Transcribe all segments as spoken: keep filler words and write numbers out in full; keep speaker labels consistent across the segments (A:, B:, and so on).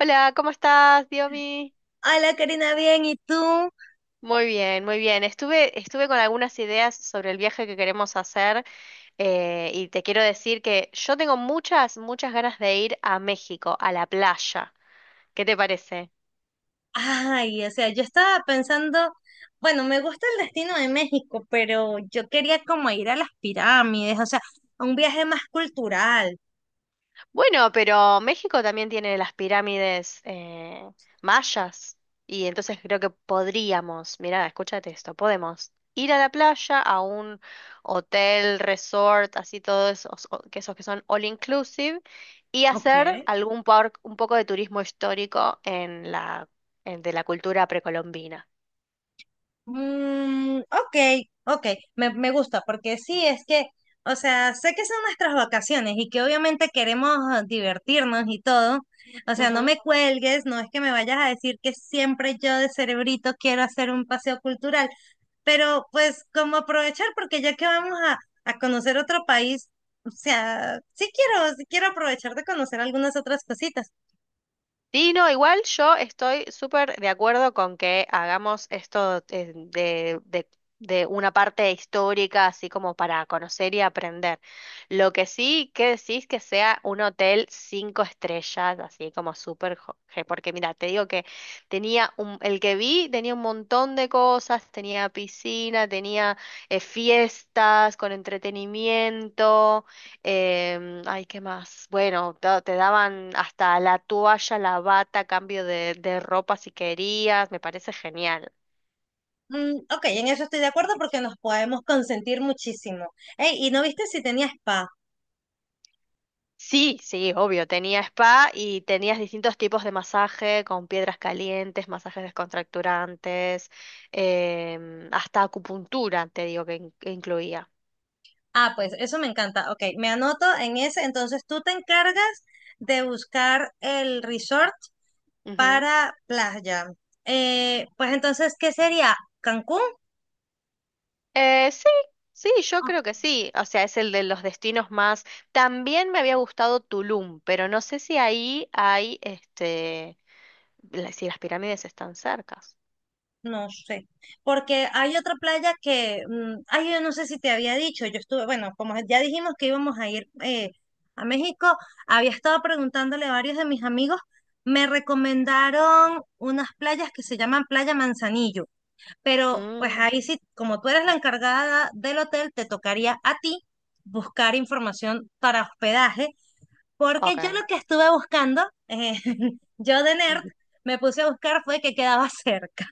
A: Hola, ¿cómo estás, Diomi?
B: Hola Karina, bien, ¿y tú?
A: Muy bien, muy bien. Estuve, estuve con algunas ideas sobre el viaje que queremos hacer, eh, y te quiero decir que yo tengo muchas, muchas ganas de ir a México, a la playa. ¿Qué te parece?
B: Ay, o sea, yo estaba pensando, bueno, me gusta el destino de México, pero yo quería como ir a las pirámides, o sea, a un viaje más cultural.
A: Bueno, pero México también tiene las pirámides, eh, mayas, y entonces creo que podríamos, mirá, escúchate esto, podemos ir a la playa, a un hotel, resort, así todos esos, o- que esos que son all inclusive y
B: Ok.
A: hacer algún por- un poco de turismo histórico en la en- de la cultura precolombina.
B: Mm, ok, ok, me, me gusta, porque sí, es que, o sea, sé que son nuestras vacaciones y que obviamente queremos ah, divertirnos y todo. O sea, no me cuelgues, no es que me vayas a decir que siempre yo de cerebrito quiero hacer un paseo cultural, pero pues como aprovechar, porque ya que vamos a, a conocer otro país, o sea, sí quiero, sí quiero aprovechar de conocer algunas otras cositas.
A: Sí, no, igual yo estoy súper de acuerdo con que hagamos esto, eh, de, de, de una parte histórica, así como para conocer y aprender. Lo que sí, que decís que sea un hotel cinco estrellas, así como súper, jo- je- porque mira, te digo que tenía un, el que vi tenía un montón de cosas, tenía piscina, tenía, eh, fiestas con entretenimiento. Em, ay, ¿qué más? Bueno, ta- te, daban hasta la toalla, la bata, cambio de, de ropa si querías, me parece genial.
B: Mm, ok, en eso estoy de acuerdo porque nos podemos consentir muchísimo. Ey, ¿y no viste si tenía spa?
A: Sí, sí, obvio, tenía spa y tenías distintos tipos de masaje con piedras calientes, masajes descontracturantes, em, hasta acupuntura, te digo que in- que incluía.
B: Ah, pues eso me encanta. Ok, me anoto en ese. Entonces tú te encargas de buscar el resort
A: Ujú.
B: para playa. Eh, pues entonces, ¿qué sería? ¿Cancún?
A: Eh, sí, sí, yo
B: Ok,
A: creo que sí. O sea, es el de los destinos más. También me había gustado Tulum, pero no sé si ahí hay este. La- si las pirámides están cercas.
B: no sé, porque hay otra playa que, mm, ay, yo no sé si te había dicho, yo estuve, bueno, como ya dijimos que íbamos a ir eh, a México, había estado preguntándole a varios de mis amigos, me recomendaron unas playas que se llaman Playa Manzanillo. Pero pues
A: Mm,
B: ahí sí, como tú eres la encargada del hotel, te tocaría a ti buscar información para hospedaje, porque yo lo
A: ok.
B: que estuve buscando, eh, yo de nerd, me puse a buscar fue que quedaba cerca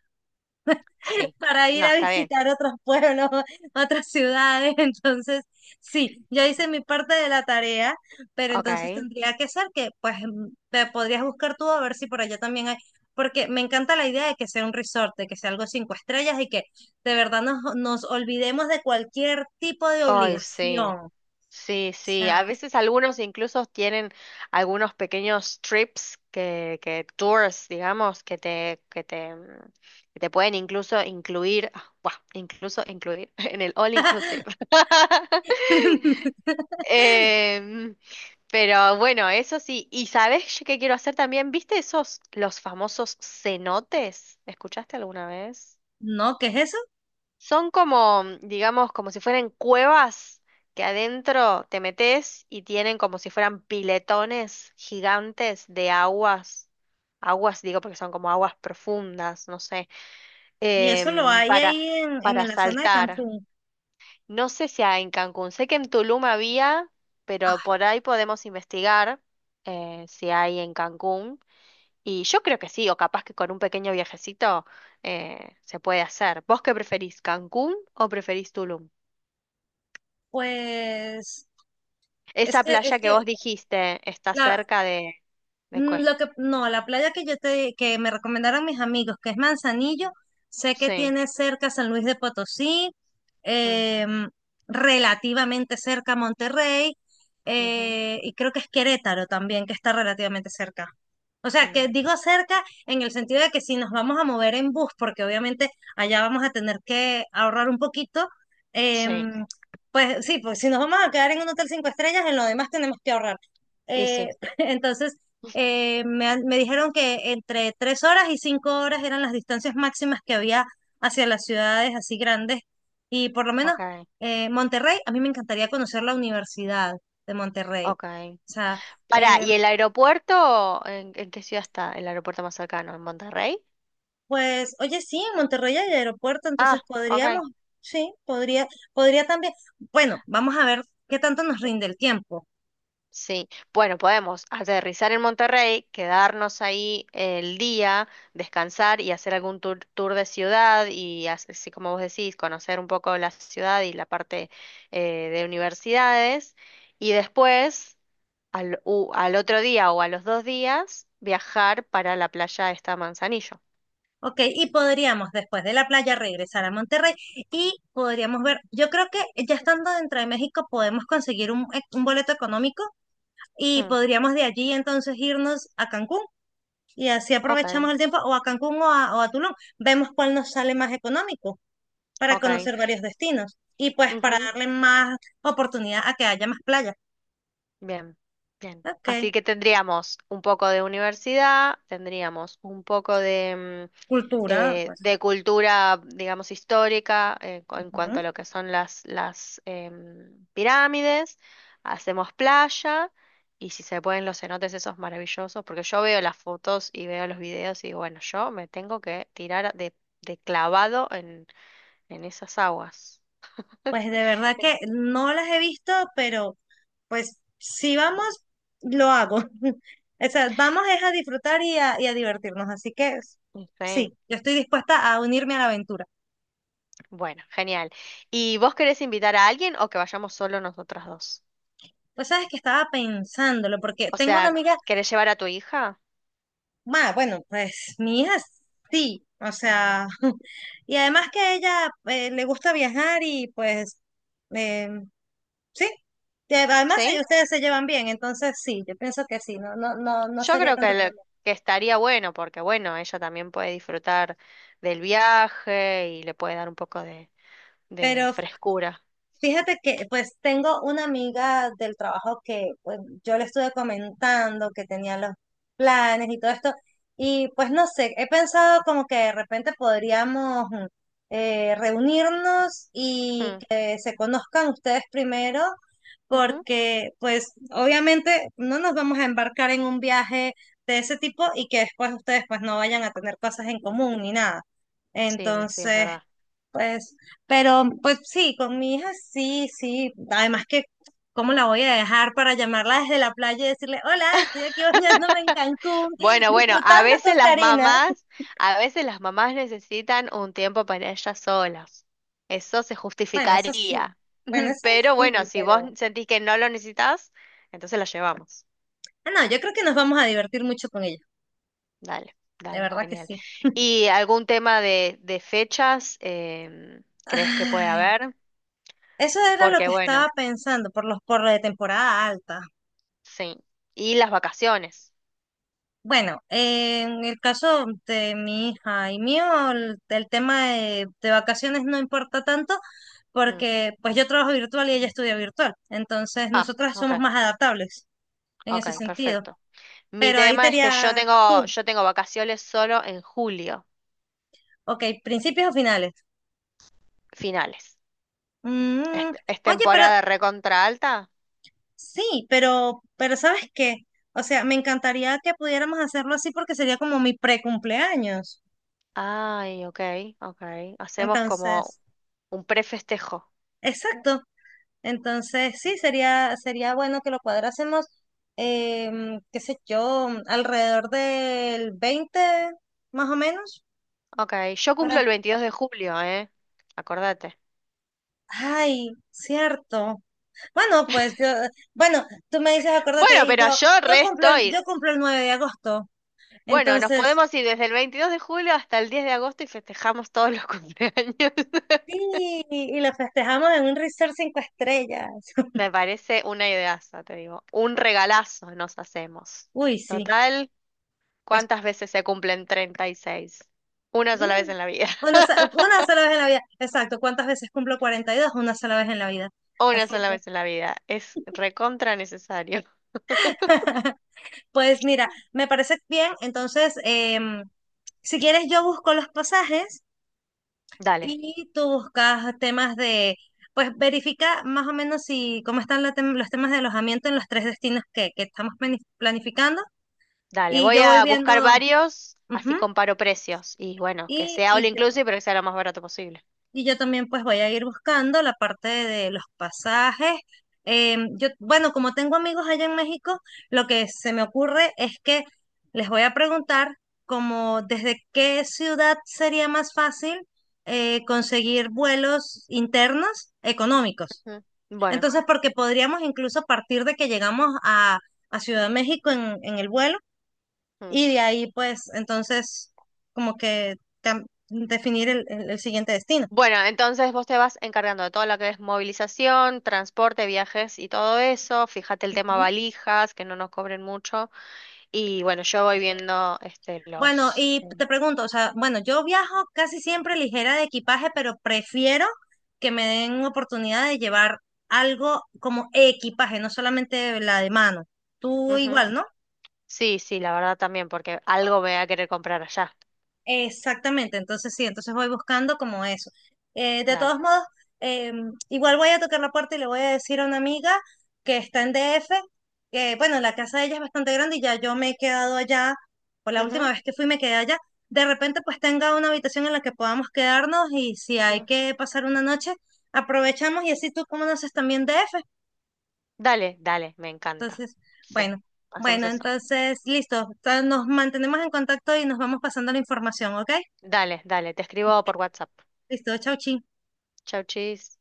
A: Sí.
B: para ir
A: No,
B: a
A: está bien.
B: visitar otros pueblos, otras ciudades. Entonces, sí, yo hice mi parte de la tarea, pero entonces
A: Ok.
B: tendría que ser que, pues, mm, te podrías buscar tú a ver si por allá también hay, porque me encanta la idea de que sea un resort, de que sea algo cinco estrellas y que de verdad nos, nos olvidemos de cualquier tipo de
A: Ay, sí.
B: obligación. O
A: Sí, sí. A
B: sea,
A: veces algunos incluso tienen algunos pequeños trips que, que tours, digamos, que te, que te, mm, que te pueden incluso incluir, ah, buah, incluso incluir en el all inclusive. Em, pero bueno, eso sí. ¿Y sabes yo qué quiero hacer también? ¿Viste esos, los famosos cenotes? ¿Escuchaste alguna vez?
B: no, ¿qué es eso?
A: Son como, mm, digamos, como si fueran cuevas que adentro te metes y tienen como si fueran piletones gigantes de aguas. Aguas, digo, porque son como aguas profundas, no sé,
B: Y eso lo
A: em,
B: hay
A: para,
B: ahí en,
A: para
B: en la zona de
A: saltar.
B: Cancún.
A: No sé si hay en Cancún, sé que en Tulum había, pero
B: Ah,
A: por ahí podemos investigar, eh, si hay en Cancún. Y yo creo que sí, o capaz que con un pequeño viajecito, eh, se puede hacer. ¿Vos qué preferís, Cancún o preferís Tulum?
B: pues, es
A: Esa
B: que, es
A: playa que
B: que,
A: vos dijiste está
B: la-
A: cerca de... ¿De qué?
B: Mm, lo que, no, la playa que yo te, que me recomendaron mis amigos, que es Manzanillo, sé que
A: Sí.
B: tiene cerca San Luis de Potosí,
A: Mm,
B: em, relativamente cerca Monterrey,
A: ujú,
B: eh, y creo que es Querétaro también, que está relativamente cerca. O sea, que
A: mm.
B: digo cerca en el sentido de que si nos vamos a mover en bus, porque obviamente allá vamos a tener que ahorrar un poquito,
A: Sí,
B: em, pues sí, pues si nos vamos a quedar en un hotel cinco estrellas, en lo demás tenemos que ahorrar.
A: y
B: Eh,
A: sí.
B: entonces, eh, me, han- me dijeron que entre tres horas y cinco horas eran las distancias máximas que había hacia las ciudades así grandes. Y por lo menos
A: Ok,
B: eh, Monterrey, a mí me encantaría conocer la Universidad de Monterrey.
A: ok.
B: O sea,
A: Pará,
B: eh,
A: ¿y el aeropuerto? ¿En, en qué ciudad está? ¿El aeropuerto más cercano? ¿En Monterrey?
B: pues, oye, sí, en Monterrey hay aeropuerto, entonces
A: Ah, ok.
B: podríamos, sí, podría, podría también, bueno, vamos a ver qué tanto nos rinde el tiempo.
A: Sí, bueno, podemos aterrizar en Monterrey, quedarnos ahí el día, descansar y hacer algún tour, tour de ciudad y as- así como vos decís, conocer un poco la ciudad y la parte, eh, de universidades. Y después, al, u- al otro día o a los dos días, viajar para la playa esta Manzanillo.
B: Ok, y podríamos después de la playa regresar a Monterrey y podríamos ver, yo creo que ya estando dentro de México podemos conseguir un, eh, un boleto económico y
A: Hmm,
B: podríamos de allí entonces irnos a Cancún y así
A: ok,
B: aprovechamos el tiempo o a Cancún o a, o a Tulum. Vemos cuál nos sale más económico para
A: ok.
B: conocer varios destinos y pues para
A: Ujú.
B: darle más oportunidad a que haya más playas.
A: Bien, bien.
B: Ok,
A: Así que tendríamos un poco de universidad, tendríamos un poco de... mm,
B: cultura,
A: eh,
B: pues.
A: de cultura, digamos, histórica, eh, cu- en cuanto
B: Ujú.
A: a lo que son las, las, em, pirámides, hacemos playa y si se pueden los cenotes esos maravillosos, porque yo veo las fotos y veo los videos y digo, bueno, yo me tengo que tirar de, de clavado en, en esas aguas.
B: Pues de verdad que no las he visto, pero pues si vamos, lo hago. O sea, vamos es a disfrutar y a, y a divertirnos. Así que s- sí,
A: Sí,
B: yo estoy dispuesta a unirme a la aventura.
A: bueno, genial. ¿Y vos querés invitar a alguien o que vayamos solo nosotras dos?
B: Pues sabes que estaba pensándolo, porque
A: O
B: tengo una
A: sea,
B: amiga,
A: ¿querés llevar a tu hija?
B: ma, bueno, pues mi hija sí, o sea, y además que a ella eh, le gusta viajar y pues eh, sí, que además
A: ¿Sí?
B: eh, ustedes se llevan bien, entonces sí, yo pienso que sí, no, no, no, no
A: Yo
B: sería
A: creo que,
B: tanto
A: le-
B: problema.
A: que estaría bueno porque, bueno, ella también puede disfrutar del viaje y le puede dar un poco de, de
B: Pero
A: frescura.
B: fíjate que pues tengo una amiga del trabajo que pues yo le estuve comentando que tenía los planes y todo esto y pues no sé, he pensado como que de repente podríamos mm, eh, reunirnos y
A: Mm,
B: que se conozcan ustedes primero
A: ujú.
B: porque pues obviamente no nos vamos a embarcar en un viaje de ese tipo y que después ustedes pues no vayan a tener cosas en común ni nada.
A: Sí, sí, es
B: Entonces,
A: verdad.
B: pues, pero pues sí, con mi hija sí, sí. Además que, ¿cómo la voy a dejar para llamarla desde la playa y decirle, hola, estoy aquí bañándome en Cancún,
A: Bueno, bueno, a
B: disfrutando con
A: veces las
B: Karina?
A: mamás, a veces las mamás necesitan un tiempo para ellas solas. Eso se
B: Bueno, eso sí.
A: justificaría.
B: Bueno, eso
A: Pero bueno,
B: sí,
A: si vos
B: pero...
A: sentís que no lo necesitas, entonces la llevamos.
B: Ah, no, yo creo que nos vamos a divertir mucho con ella.
A: Dale,
B: De
A: dale,
B: verdad que
A: genial.
B: sí.
A: ¿Y algún tema de, de fechas, em, crees que puede
B: Ay,
A: haber?
B: eso era lo
A: Porque
B: que
A: bueno,
B: estaba pensando por los por lo de temporada alta.
A: sí. Y las vacaciones.
B: Bueno, eh, en el caso de mi hija y mío, el, el tema de, de vacaciones no importa tanto
A: Mm.
B: porque pues yo trabajo virtual y ella estudia virtual. Entonces,
A: Ah,
B: nosotras
A: ok,
B: somos más adaptables en ese
A: ok,
B: sentido.
A: perfecto. Mi
B: Pero ahí te
A: tema es que yo
B: diría
A: tengo,
B: tú,
A: yo tengo vacaciones solo en julio,
B: ok, principios o finales.
A: finales. ¿Es,
B: Mm,
A: es
B: oye, pero
A: temporada recontra alta?
B: sí, pero, pero ¿sabes qué? O sea, me encantaría que pudiéramos hacerlo así porque sería como mi pre-cumpleaños.
A: Ay, ok, ok. Hacemos como
B: Entonces,
A: un prefestejo.
B: exacto. Entonces, sí, sería, sería bueno que lo cuadrásemos, em, qué sé yo, alrededor del veinte más o menos,
A: Ok, yo cumplo el
B: para...
A: veintidós de julio, ¿eh? Acordate.
B: Ay, cierto. Bueno, pues yo, bueno, tú me dices, acuérdate,
A: Bueno,
B: y
A: pero
B: yo,
A: yo
B: yo
A: re
B: cumplo, el-
A: estoy.
B: yo cumplo el nueve de agosto.
A: Bueno, nos
B: Entonces,
A: podemos ir desde el veintidós de julio hasta el diez de agosto y festejamos todos los cumpleaños.
B: sí, y lo festejamos en un resort cinco estrellas.
A: Me parece una ideaza, te digo. Un regalazo nos hacemos.
B: Uy, sí,
A: Total,
B: pues,
A: ¿cuántas veces se cumplen treinta y seis? Una sola vez
B: mm,
A: en la vida.
B: una, so- una sola vez en la vida. Exacto, ¿cuántas veces cumplo cuarenta y dos? Una sola vez en la vida.
A: Una
B: Así
A: sola
B: que...
A: vez en la vida. Es recontra necesario.
B: Pues mira, me parece bien. Entonces, em, si quieres, yo busco los pasajes
A: Dale,
B: y tú buscas temas de, pues verifica más o menos si cómo están la tem- los temas de alojamiento en los tres destinos que, que estamos plani- planificando
A: dale.
B: y
A: Voy
B: yo voy
A: a buscar
B: viendo,
A: varios,
B: ujú,
A: así comparo precios. Y bueno, que
B: y,
A: sea
B: y
A: all
B: yo-
A: inclusive, pero que sea lo más barato posible.
B: y yo también pues voy a ir buscando la parte de los pasajes. Em, yo, bueno, como tengo amigos allá en México, lo que se me ocurre es que les voy a preguntar como desde qué ciudad sería más fácil eh, conseguir vuelos internos económicos.
A: Ujú. Bueno.
B: Entonces, porque podríamos incluso partir de que llegamos a, a Ciudad de México en, en el vuelo
A: Mm.
B: y de ahí pues entonces como que cam- definir el el- el siguiente destino.
A: Bueno, entonces vos te vas encargando de todo lo que es movilización, transporte, viajes y todo eso. Fíjate el tema valijas, que no nos cobren mucho. Y bueno, yo voy viendo este
B: Bueno,
A: los.
B: y
A: eh,
B: te pregunto, o sea, bueno, yo viajo casi siempre ligera de equipaje, pero prefiero que me den oportunidad de llevar algo como equipaje, no solamente la de mano. Tú
A: Ujú.
B: igual, ¿no?
A: Sí, sí, la verdad también, porque algo me voy a querer comprar allá.
B: Exactamente, entonces sí, entonces voy buscando como eso. Eh, de
A: Dale.
B: todos modos, eh, igual voy a tocar la puerta y le voy a decir a una amiga que está en D F, que bueno, la casa de ella es bastante grande y ya yo me he quedado allá, por la última
A: Ujú,
B: vez que fui me quedé allá. De repente pues tenga una habitación en la que podamos quedarnos y si hay
A: mm.
B: que pasar una noche, aprovechamos y así tú conoces también D F.
A: Dale, dale, me encanta.
B: Entonces,
A: Sí,
B: bueno,
A: hacemos
B: bueno,
A: eso.
B: entonces listo, ta- nos mantenemos en contacto y nos vamos pasando la información, ¿ok?
A: Dale, dale, te escribo por WhatsApp.
B: Listo, chau, chi.
A: Chau, chis.